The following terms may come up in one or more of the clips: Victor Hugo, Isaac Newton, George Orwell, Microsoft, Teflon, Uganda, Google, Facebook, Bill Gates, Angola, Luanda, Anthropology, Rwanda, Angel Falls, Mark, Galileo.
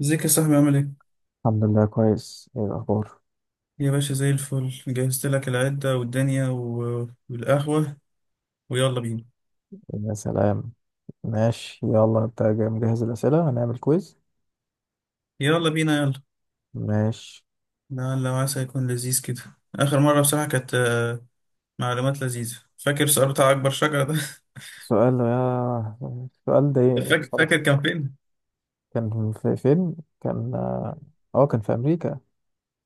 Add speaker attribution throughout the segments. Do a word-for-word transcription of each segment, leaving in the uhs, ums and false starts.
Speaker 1: ازيك يا صاحبي؟ عامل ايه؟
Speaker 2: الحمد لله كويس، ايه الاخبار؟
Speaker 1: يا باشا، زي الفل. جهزت لك العدة والدنيا و... والقهوة. ويلا بينا.
Speaker 2: إيه يا سلام. ماشي يلا، انت جاي مجهز الاسئله، هنعمل كويز.
Speaker 1: يلا بينا يلا.
Speaker 2: ماشي.
Speaker 1: لعل وعسى يكون لذيذ كده. آخر مرة بصراحة كانت آه، معلومات لذيذة. فاكر سؤال بتاع أكبر شجرة ده؟
Speaker 2: سؤال يا، سؤال ضايقني
Speaker 1: فاكر فاكر،
Speaker 2: بصراحه.
Speaker 1: كان فين؟
Speaker 2: كان في فين. كان اه آه، كان في امريكا.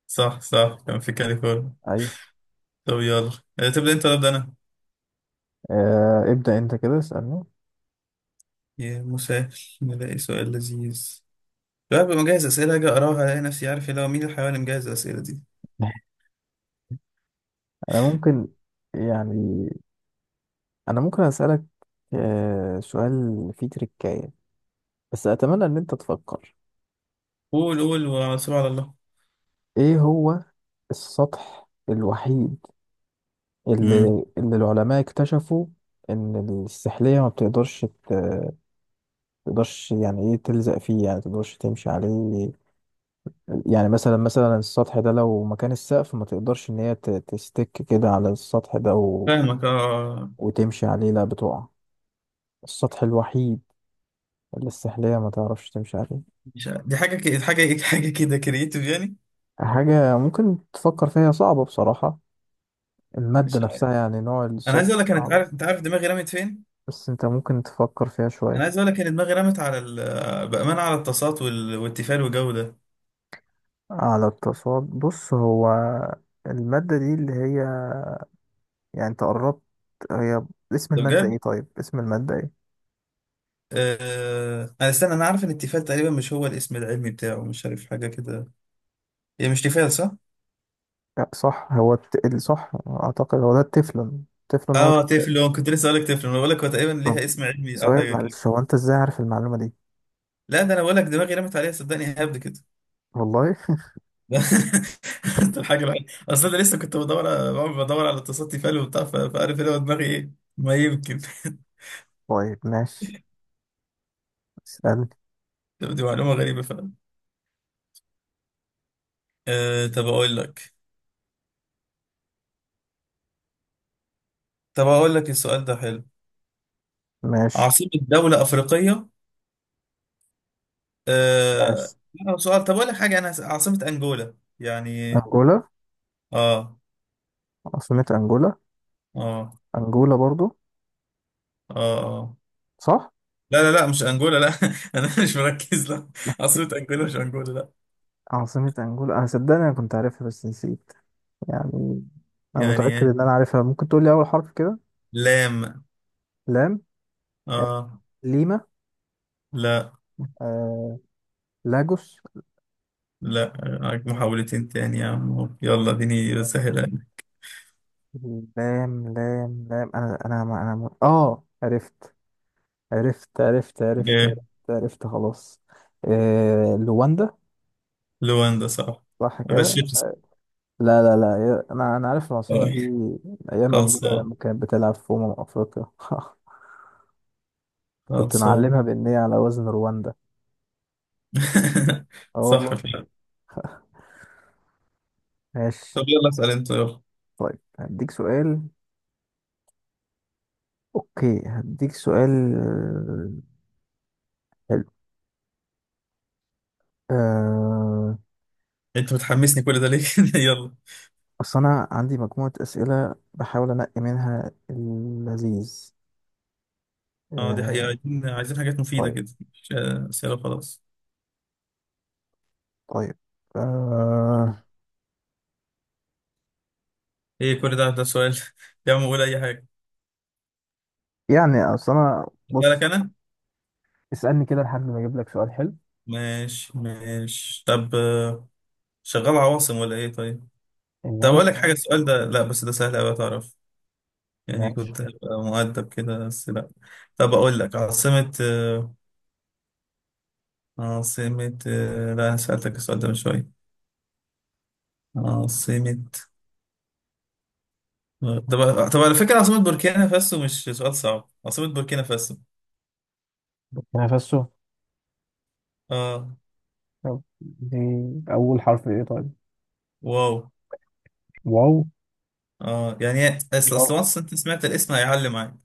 Speaker 1: صح صح، كان في كاليفورنيا.
Speaker 2: ايوه.
Speaker 1: طب يلا. آه، تبدأ أنت ولا أبدأ أنا؟
Speaker 2: آه ابدا انت كده اسالني.
Speaker 1: يا مسهل، نلاقي سؤال لذيذ. لا، ببقى مجهز أسئلة، أجي أقراها ألاقي نفسي عارف اللي هو. مين الحيوان اللي مجهز الأسئلة دي؟
Speaker 2: انا ممكن، يعني انا ممكن اسالك آه سؤال، فيه تريكايه، بس اتمنى ان انت تفكر.
Speaker 1: قول قول، وعلى على الله.
Speaker 2: ايه هو السطح الوحيد اللي,
Speaker 1: مم.
Speaker 2: اللي العلماء اكتشفوا ان السحلية ما بتقدرش ت- تقدرش، يعني ايه تلزق فيه، يعني تقدرش تمشي عليه. يعني مثلا مثلا السطح ده لو مكان السقف، ما تقدرش ان هي ت- تستك كده على السطح ده و...
Speaker 1: فاهمك اه.
Speaker 2: وتمشي عليه، لا بتقع. السطح الوحيد اللي السحلية ما تعرفش تمشي عليه.
Speaker 1: مش عارف. دي حاجه كده، حاجه إيه؟ حاجه كده كرييتيف يعني.
Speaker 2: حاجة ممكن تفكر فيها، صعبة بصراحة. المادة
Speaker 1: مش عارف.
Speaker 2: نفسها، يعني نوع
Speaker 1: انا
Speaker 2: السطح،
Speaker 1: عايز اقول لك، انا انت
Speaker 2: صعب.
Speaker 1: عارف انت عارف دماغي رمت فين.
Speaker 2: بس انت ممكن تفكر فيها
Speaker 1: انا
Speaker 2: شوية.
Speaker 1: عايز اقول لك ان دماغي رمت على ال- بامانه على الطاسات وال- والتيفال والجو ده.
Speaker 2: على التصاد، بص هو المادة دي اللي هي، يعني انت قربت، هي اسم
Speaker 1: ده
Speaker 2: المادة
Speaker 1: بجد.
Speaker 2: ايه؟ طيب اسم المادة ايه؟
Speaker 1: آه... انا استنى انا عارف ان التيفال تقريبا مش هو الاسم العلمي بتاعه، مش عارف حاجه كده. هي مش تيفال صح.
Speaker 2: لا صح، هو الت... الصح اعتقد هو ده، التفلون. التفلون هو.
Speaker 1: اه، تيفلون، كنت لسه اقول لك تيفلون. انا بقول لك هو تقريبا
Speaker 2: طب
Speaker 1: ليها اسم علمي او
Speaker 2: سؤال،
Speaker 1: حاجه كده.
Speaker 2: معلش، هو انت ازاي عارف المعلومة دي؟
Speaker 1: لا، ده انا بقول لك دماغي رمت عليها. صدقني هبد كده.
Speaker 2: والله.
Speaker 1: ده الحاجة الوحيدة. أصل أنا لسه كنت بدور على- بدور على اتصال تيفال وبتاع، ف- فعارف إيه هو دماغي إيه. ما يمكن.
Speaker 2: طيب ماشي، اسألني.
Speaker 1: دي معلومة غريبة فعلا. أه طب أقول لك طب أقول لك السؤال ده حلو.
Speaker 2: ماشي.
Speaker 1: عاصمة دولة أفريقية.
Speaker 2: ماشي
Speaker 1: أه لا، هو سؤال. طب أقول لك حاجة، أنا عاصمة أنجولا يعني.
Speaker 2: أنجولا.
Speaker 1: آه.
Speaker 2: عاصمة أنجولا.
Speaker 1: آه.
Speaker 2: أنجولا برضو؟
Speaker 1: آه. آه.
Speaker 2: صح.
Speaker 1: لا لا لا، مش أنجولا لا. أنا مش مركز لا. عاصمة أنجولا، مش أنجولا لا.
Speaker 2: عاصمة أنجولا، أنا صدقني أنا كنت عارفها بس نسيت، يعني أنا
Speaker 1: يعني
Speaker 2: متأكد
Speaker 1: إيه؟
Speaker 2: إن أنا عارفها. ممكن تقول لي أول حرف كده؟
Speaker 1: لام.
Speaker 2: لام.
Speaker 1: آه.
Speaker 2: ليما.
Speaker 1: لا.
Speaker 2: آه... لاجوس.
Speaker 1: لا. معاك محاولتين تاني يا عم أهو. يلا اديني سهلة.
Speaker 2: لام لام لام، انا انا ما انا ما- اه عرفت، عرفت عرفت عرفت عرفت,
Speaker 1: جاي.
Speaker 2: عرفت خلاص. آه... لواندا.
Speaker 1: لواندا صح.
Speaker 2: صح كده.
Speaker 1: غشيت صح.
Speaker 2: لا لا لا يا، انا انا عارف العاصمه
Speaker 1: آه.
Speaker 2: دي من ايام انجولا
Speaker 1: خلصان.
Speaker 2: لما كانت بتلعب في امم افريقيا. كنت
Speaker 1: خلصان.
Speaker 2: معلمها بان هي على وزن رواندا. اه
Speaker 1: صح
Speaker 2: والله.
Speaker 1: فعلا.
Speaker 2: ماشي.
Speaker 1: طب يلا اسأل انت، يلا.
Speaker 2: طيب هديك سؤال، اوكي هديك سؤال، آه، حلو. آه...
Speaker 1: انت بتحمسني كل ده ليه؟ يلا.
Speaker 2: أصل أنا عندي مجموعة أسئلة بحاول أنقي منها اللذيذ.
Speaker 1: اه، دي حقيقة.
Speaker 2: آه.
Speaker 1: عايزين عايزين حاجات مفيدة
Speaker 2: طيب.
Speaker 1: كده. مش آه، أسئلة خلاص.
Speaker 2: طيب. آه.
Speaker 1: ايه كل ده ده سؤال؟ يا عم قول أي حاجة.
Speaker 2: يعني أصل أنا
Speaker 1: أسألك
Speaker 2: بص،
Speaker 1: أنا.
Speaker 2: اسألني كده لحد ما أجيب لك سؤال حلو.
Speaker 1: ماشي ماشي، طب آه، شغال عواصم ولا ايه طيب؟
Speaker 2: يلا
Speaker 1: طب أقول
Speaker 2: يا
Speaker 1: لك
Speaker 2: عم.
Speaker 1: حاجة، السؤال ده لا. بس ده سهل أوي تعرف، يعني
Speaker 2: ماشي.
Speaker 1: كنت هبقى مؤدب كده بس لا. طب أقول لك عاصمة عاصمة. لا، أنا سألتك السؤال ده من شوية. عاصمة. طب طب على فكرة، عاصمة بوركينا فاسو مش سؤال صعب. عاصمة بوركينا فاسو.
Speaker 2: نفسه.
Speaker 1: اه.
Speaker 2: يلا دي. أول حرف إيه طيب؟
Speaker 1: واو.
Speaker 2: واو.
Speaker 1: اه، يعني اصل
Speaker 2: واو.
Speaker 1: اصل once انت سمعت الاسم هيعلم معاك.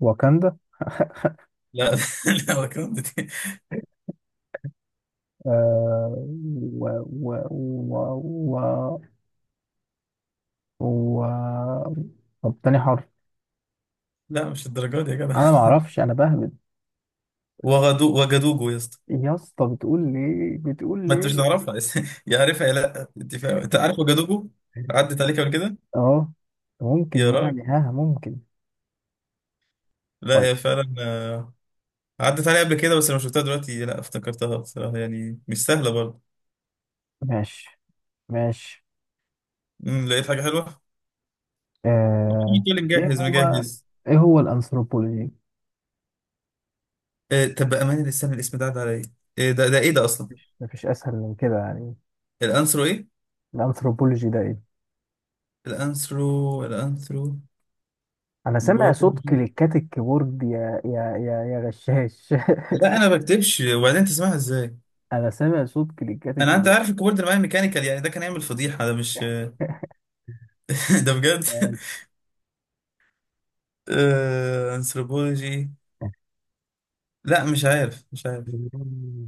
Speaker 2: واكندا.
Speaker 1: لا. لا وكنت دي.
Speaker 2: آه. و و و و و طب تاني حرف؟
Speaker 1: لا، مش الدرجات دي يا جدع.
Speaker 2: أنا معرفش، أنا بهبد.
Speaker 1: وغدو وجدوجو يا اسطى.
Speaker 2: يا اسطى بتقول ليه؟ بتقول
Speaker 1: ما انت مش
Speaker 2: ليه؟
Speaker 1: هتعرفها. يعرفها يا، لا انت فاهم، انت عارف وجدوجو. عدت عليك قبل كده.
Speaker 2: اه، ممكن
Speaker 1: يا راجل.
Speaker 2: يعني، ها ممكن.
Speaker 1: لا
Speaker 2: طيب.
Speaker 1: هي فعلا آه، عدت عليها قبل كده، بس لما شفتها دلوقتي لا افتكرتها بصراحة. يعني مش سهلة برضه.
Speaker 2: ماشي. ماشي.
Speaker 1: أمم، لقيت حاجة حلوة،
Speaker 2: آه.
Speaker 1: تقول
Speaker 2: ايه
Speaker 1: مجهز
Speaker 2: هو؟
Speaker 1: مجهز.
Speaker 2: ايه هو الانثروبولوجي؟
Speaker 1: آه طب بأمانة استنى، الاسم ده عدى عليا. إيه ده ده إيه ده أصلا؟
Speaker 2: مفيش مفيش اسهل من كده يعني.
Speaker 1: الأنثرو إيه؟
Speaker 2: الانثروبولوجي ده ايه؟
Speaker 1: الأنثرو الأنثرو.
Speaker 2: انا سامع
Speaker 1: برضه.
Speaker 2: صوت كليكات الكيبورد، يا يا يا يا غشاش.
Speaker 1: لا أنا ما بكتبش، وبعدين تسمعها إزاي؟
Speaker 2: انا سامع صوت كليكات
Speaker 1: أنا أنت
Speaker 2: الكيبورد.
Speaker 1: عارف الكيبورد معايا ميكانيكال، يعني ده كان يعمل فضيحة. ده مش ده بجد. آه أنثروبولوجي. لا مش عارف مش عارف.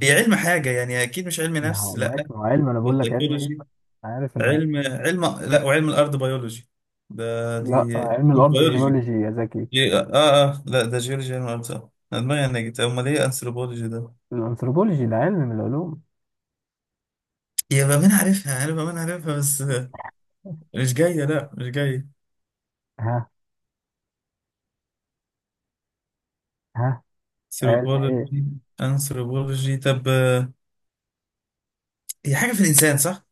Speaker 1: هي علم حاجة يعني، أكيد مش علم
Speaker 2: ما
Speaker 1: نفس
Speaker 2: هو
Speaker 1: لا.
Speaker 2: ماشي، ما هو علم، انا
Speaker 1: ده
Speaker 2: بقول لك علم ايه؟
Speaker 1: psychology.
Speaker 2: أنا عارف ان،
Speaker 1: علم علم لا، وعلم الارض بيولوجي. ده دي.
Speaker 2: لا علم
Speaker 1: مش
Speaker 2: الارض
Speaker 1: بيولوجي.
Speaker 2: جيولوجي يا زكي.
Speaker 1: إيه، اه اه، آه، لا ده جيولوجي، علم الارض صح. انا دماغي نجت، امال ايه انثروبولوجي ده؟
Speaker 2: الانثروبولوجي ده علم من العلوم.
Speaker 1: يا بامين عارفها انا بامين عارفها بس آه، مش جايه، لا مش جايه.
Speaker 2: ها. ها. علم ايه؟
Speaker 1: انثروبولوجي. انثروبولوجي، طب آه، هي حاجه في الانسان صح.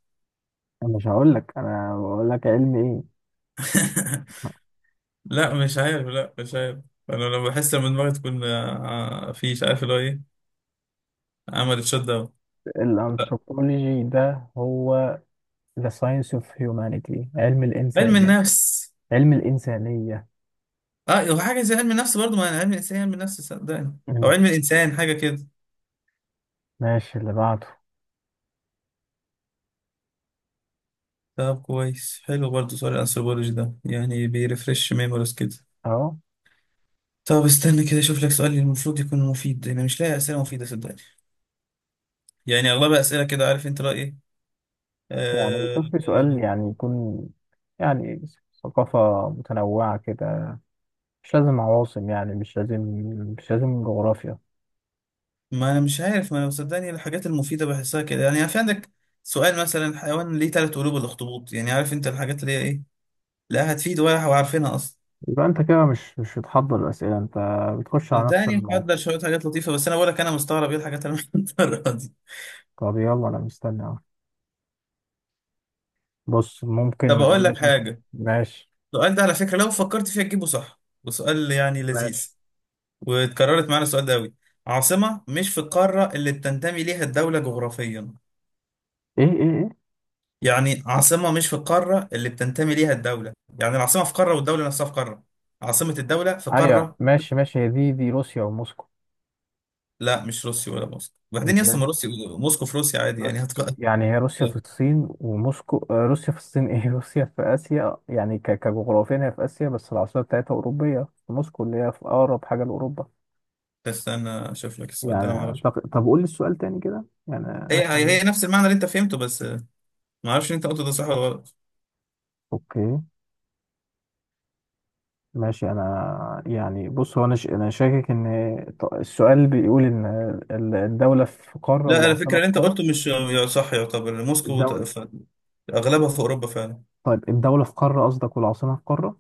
Speaker 2: انا مش هقول لك، انا بقول لك علم ايه.
Speaker 1: لا مش عارف لا مش عارف. انا لما بحس، لما دماغي تكون آه، آه، في مش عارف اللي هو ايه، عملت شوت داون. لا
Speaker 2: الانثروبولوجي ده هو the science of humanity، علم
Speaker 1: علم
Speaker 2: الانسانيه.
Speaker 1: النفس.
Speaker 2: علم الانسانيه.
Speaker 1: اه هو حاجه زي علم النفس برضو، ما انا علم الانسان علم النفس صدقني، او
Speaker 2: مم.
Speaker 1: علم الانسان حاجه كده.
Speaker 2: ماشي، اللي بعده.
Speaker 1: طب كويس، حلو برضو سؤال الانثروبولوجي ده، يعني بيرفرش ميموريز كده.
Speaker 2: اهو.
Speaker 1: طب استنى كده اشوف لك سؤال المفروض يكون مفيد، انا مش لاقي اسئله مفيده صدقني. يعني اغلبها اسئله كده، عارف انت رايي ايه.
Speaker 2: يعني
Speaker 1: آه
Speaker 2: شوف لي سؤال
Speaker 1: آه،
Speaker 2: يعني يكون، يعني ثقافه متنوعه كده، مش لازم عواصم يعني، مش لازم، مش لازم جغرافيا.
Speaker 1: ما انا مش عارف، ما انا صدقني الحاجات المفيده بحسها كده. يعني في عندك سؤال مثلا، حيوان ليه ثلاث قلوب الاخطبوط يعني، عارف انت الحاجات اللي هي ايه. لا هتفيد ولا وعارفينها اصلا.
Speaker 2: يبقى انت كده مش مش بتحضر الاسئله انت، بتخش على نفس
Speaker 1: الدهني
Speaker 2: الموقع.
Speaker 1: محضر شوية حاجات لطيفة، بس أنا بقول لك أنا مستغرب إيه الحاجات اللي محضرها دي.
Speaker 2: طب يلا انا مستني اهو. بص
Speaker 1: طب
Speaker 2: ممكن
Speaker 1: أقول
Speaker 2: اقول
Speaker 1: لك
Speaker 2: لك مثلا.
Speaker 1: حاجة.
Speaker 2: ماشي.
Speaker 1: السؤال ده على فكرة، لو فكرت فيها تجيبه صح، وسؤال يعني
Speaker 2: ماشي.
Speaker 1: لذيذ، واتكررت معانا السؤال ده أوي. عاصمة مش في القارة اللي بتنتمي ليها الدولة جغرافيا.
Speaker 2: ايه ايه ايه.
Speaker 1: يعني عاصمة مش في القارة اللي بتنتمي ليها الدولة. يعني العاصمة في قارة، والدولة نفسها في قارة. عاصمة الدولة في
Speaker 2: ايوه
Speaker 1: قارة.
Speaker 2: ماشي ماشي، هي دي دي روسيا وموسكو.
Speaker 1: لا مش روسيا ولا موسكو. وبعدين يا اسطى،
Speaker 2: ازاي؟
Speaker 1: ما روسيا موسكو في روسيا عادي يعني.
Speaker 2: روسيا
Speaker 1: هتق...
Speaker 2: يعني، هي روسيا في الصين وموسكو، آه، روسيا في الصين ايه؟ روسيا في اسيا يعني، ك- كجغرافيا هي في اسيا، بس العاصمه بتاعتها اوروبيه، في موسكو اللي هي في اقرب حاجه لاوروبا.
Speaker 1: بس أنا أشوف لك السؤال ده، أنا
Speaker 2: يعني
Speaker 1: معرفش.
Speaker 2: طب, طب قول لي السؤال تاني كده يعني،
Speaker 1: هي
Speaker 2: افهم
Speaker 1: هي
Speaker 2: ده.
Speaker 1: هي نفس المعنى اللي أنت فهمته بس. ما اعرفش انت قلت ده صح ولا غلط.
Speaker 2: اوكي. ماشي انا يعني بص، هو انا ش- انا شاكك ان، ط- السؤال بيقول ان ال- الدوله في قاره
Speaker 1: لا على فكره،
Speaker 2: والعاصمه في
Speaker 1: اللي انت
Speaker 2: قاره.
Speaker 1: قلته مش يا صح. يعتبر موسكو ت-
Speaker 2: الدوله.
Speaker 1: ف- اغلبها في اوروبا فعلا.
Speaker 2: طيب الدوله في قاره قصدك والعاصمه في قاره؟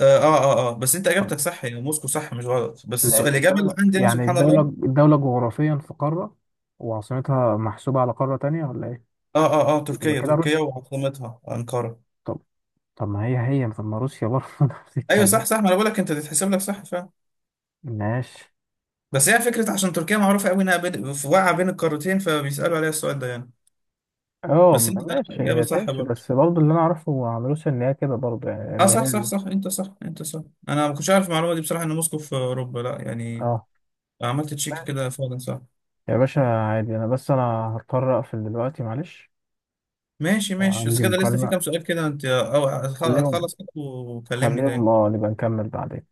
Speaker 1: اه اه اه، آه. بس انت اجابتك صح يعني، موسكو صح مش غلط. بس السؤال
Speaker 2: لأن
Speaker 1: الاجابه اللي
Speaker 2: الدولة
Speaker 1: عندي انا،
Speaker 2: يعني
Speaker 1: سبحان
Speaker 2: الدولة
Speaker 1: الله.
Speaker 2: الدولة جغرافيا في قارة وعاصمتها محسوبة على قارة تانية، ولا إيه؟
Speaker 1: اه اه اه،
Speaker 2: يبقى
Speaker 1: تركيا
Speaker 2: كده
Speaker 1: تركيا
Speaker 2: روسيا.
Speaker 1: وعاصمتها انقره.
Speaker 2: طب. طب ما هي هي، طب ما روسيا برضه نفس
Speaker 1: ايوه
Speaker 2: الكلام.
Speaker 1: صح صح، ما انا بقول لك انت تتحسب لك صح فعلا.
Speaker 2: ماشي.
Speaker 1: بس هي فكره عشان تركيا معروفه قوي انها بين في- واقعه بين القارتين، فبيسالوا عليها السؤال ده يعني.
Speaker 2: اه
Speaker 1: بس انت لا،
Speaker 2: ماشي،
Speaker 1: اجابه
Speaker 2: هي
Speaker 1: صح
Speaker 2: تمشي،
Speaker 1: برضه.
Speaker 2: بس برضه اللي أنا أعرفه عن روسيا إن هي كده برضه يعني،
Speaker 1: اه
Speaker 2: إن
Speaker 1: صح صح
Speaker 2: هي.
Speaker 1: صح، انت صح انت صح. انا ما كنتش عارف المعلومه دي بصراحه، ان موسكو في اوروبا لا يعني.
Speaker 2: اه.
Speaker 1: عملت تشيك
Speaker 2: ماشي.
Speaker 1: كده فعلا، صح.
Speaker 2: يا باشا عادي، أنا بس أنا هضطر أقفل دلوقتي، معلش.
Speaker 1: ماشي ماشي، بس
Speaker 2: عندي
Speaker 1: كده لسه في
Speaker 2: مكالمة.
Speaker 1: كام سؤال كده انت. او أتخ-
Speaker 2: خليهم،
Speaker 1: اتخلص كده وكلمني
Speaker 2: خليهم،
Speaker 1: تاني.
Speaker 2: اه نبقى نكمل بعدين.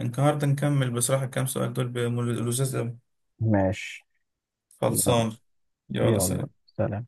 Speaker 1: النهارده نكمل بصراحة، الكام سؤال دول بلذاذ قوي.
Speaker 2: ماشي. يلا.
Speaker 1: خلصان. يلا
Speaker 2: يلا
Speaker 1: سلام.
Speaker 2: سلام.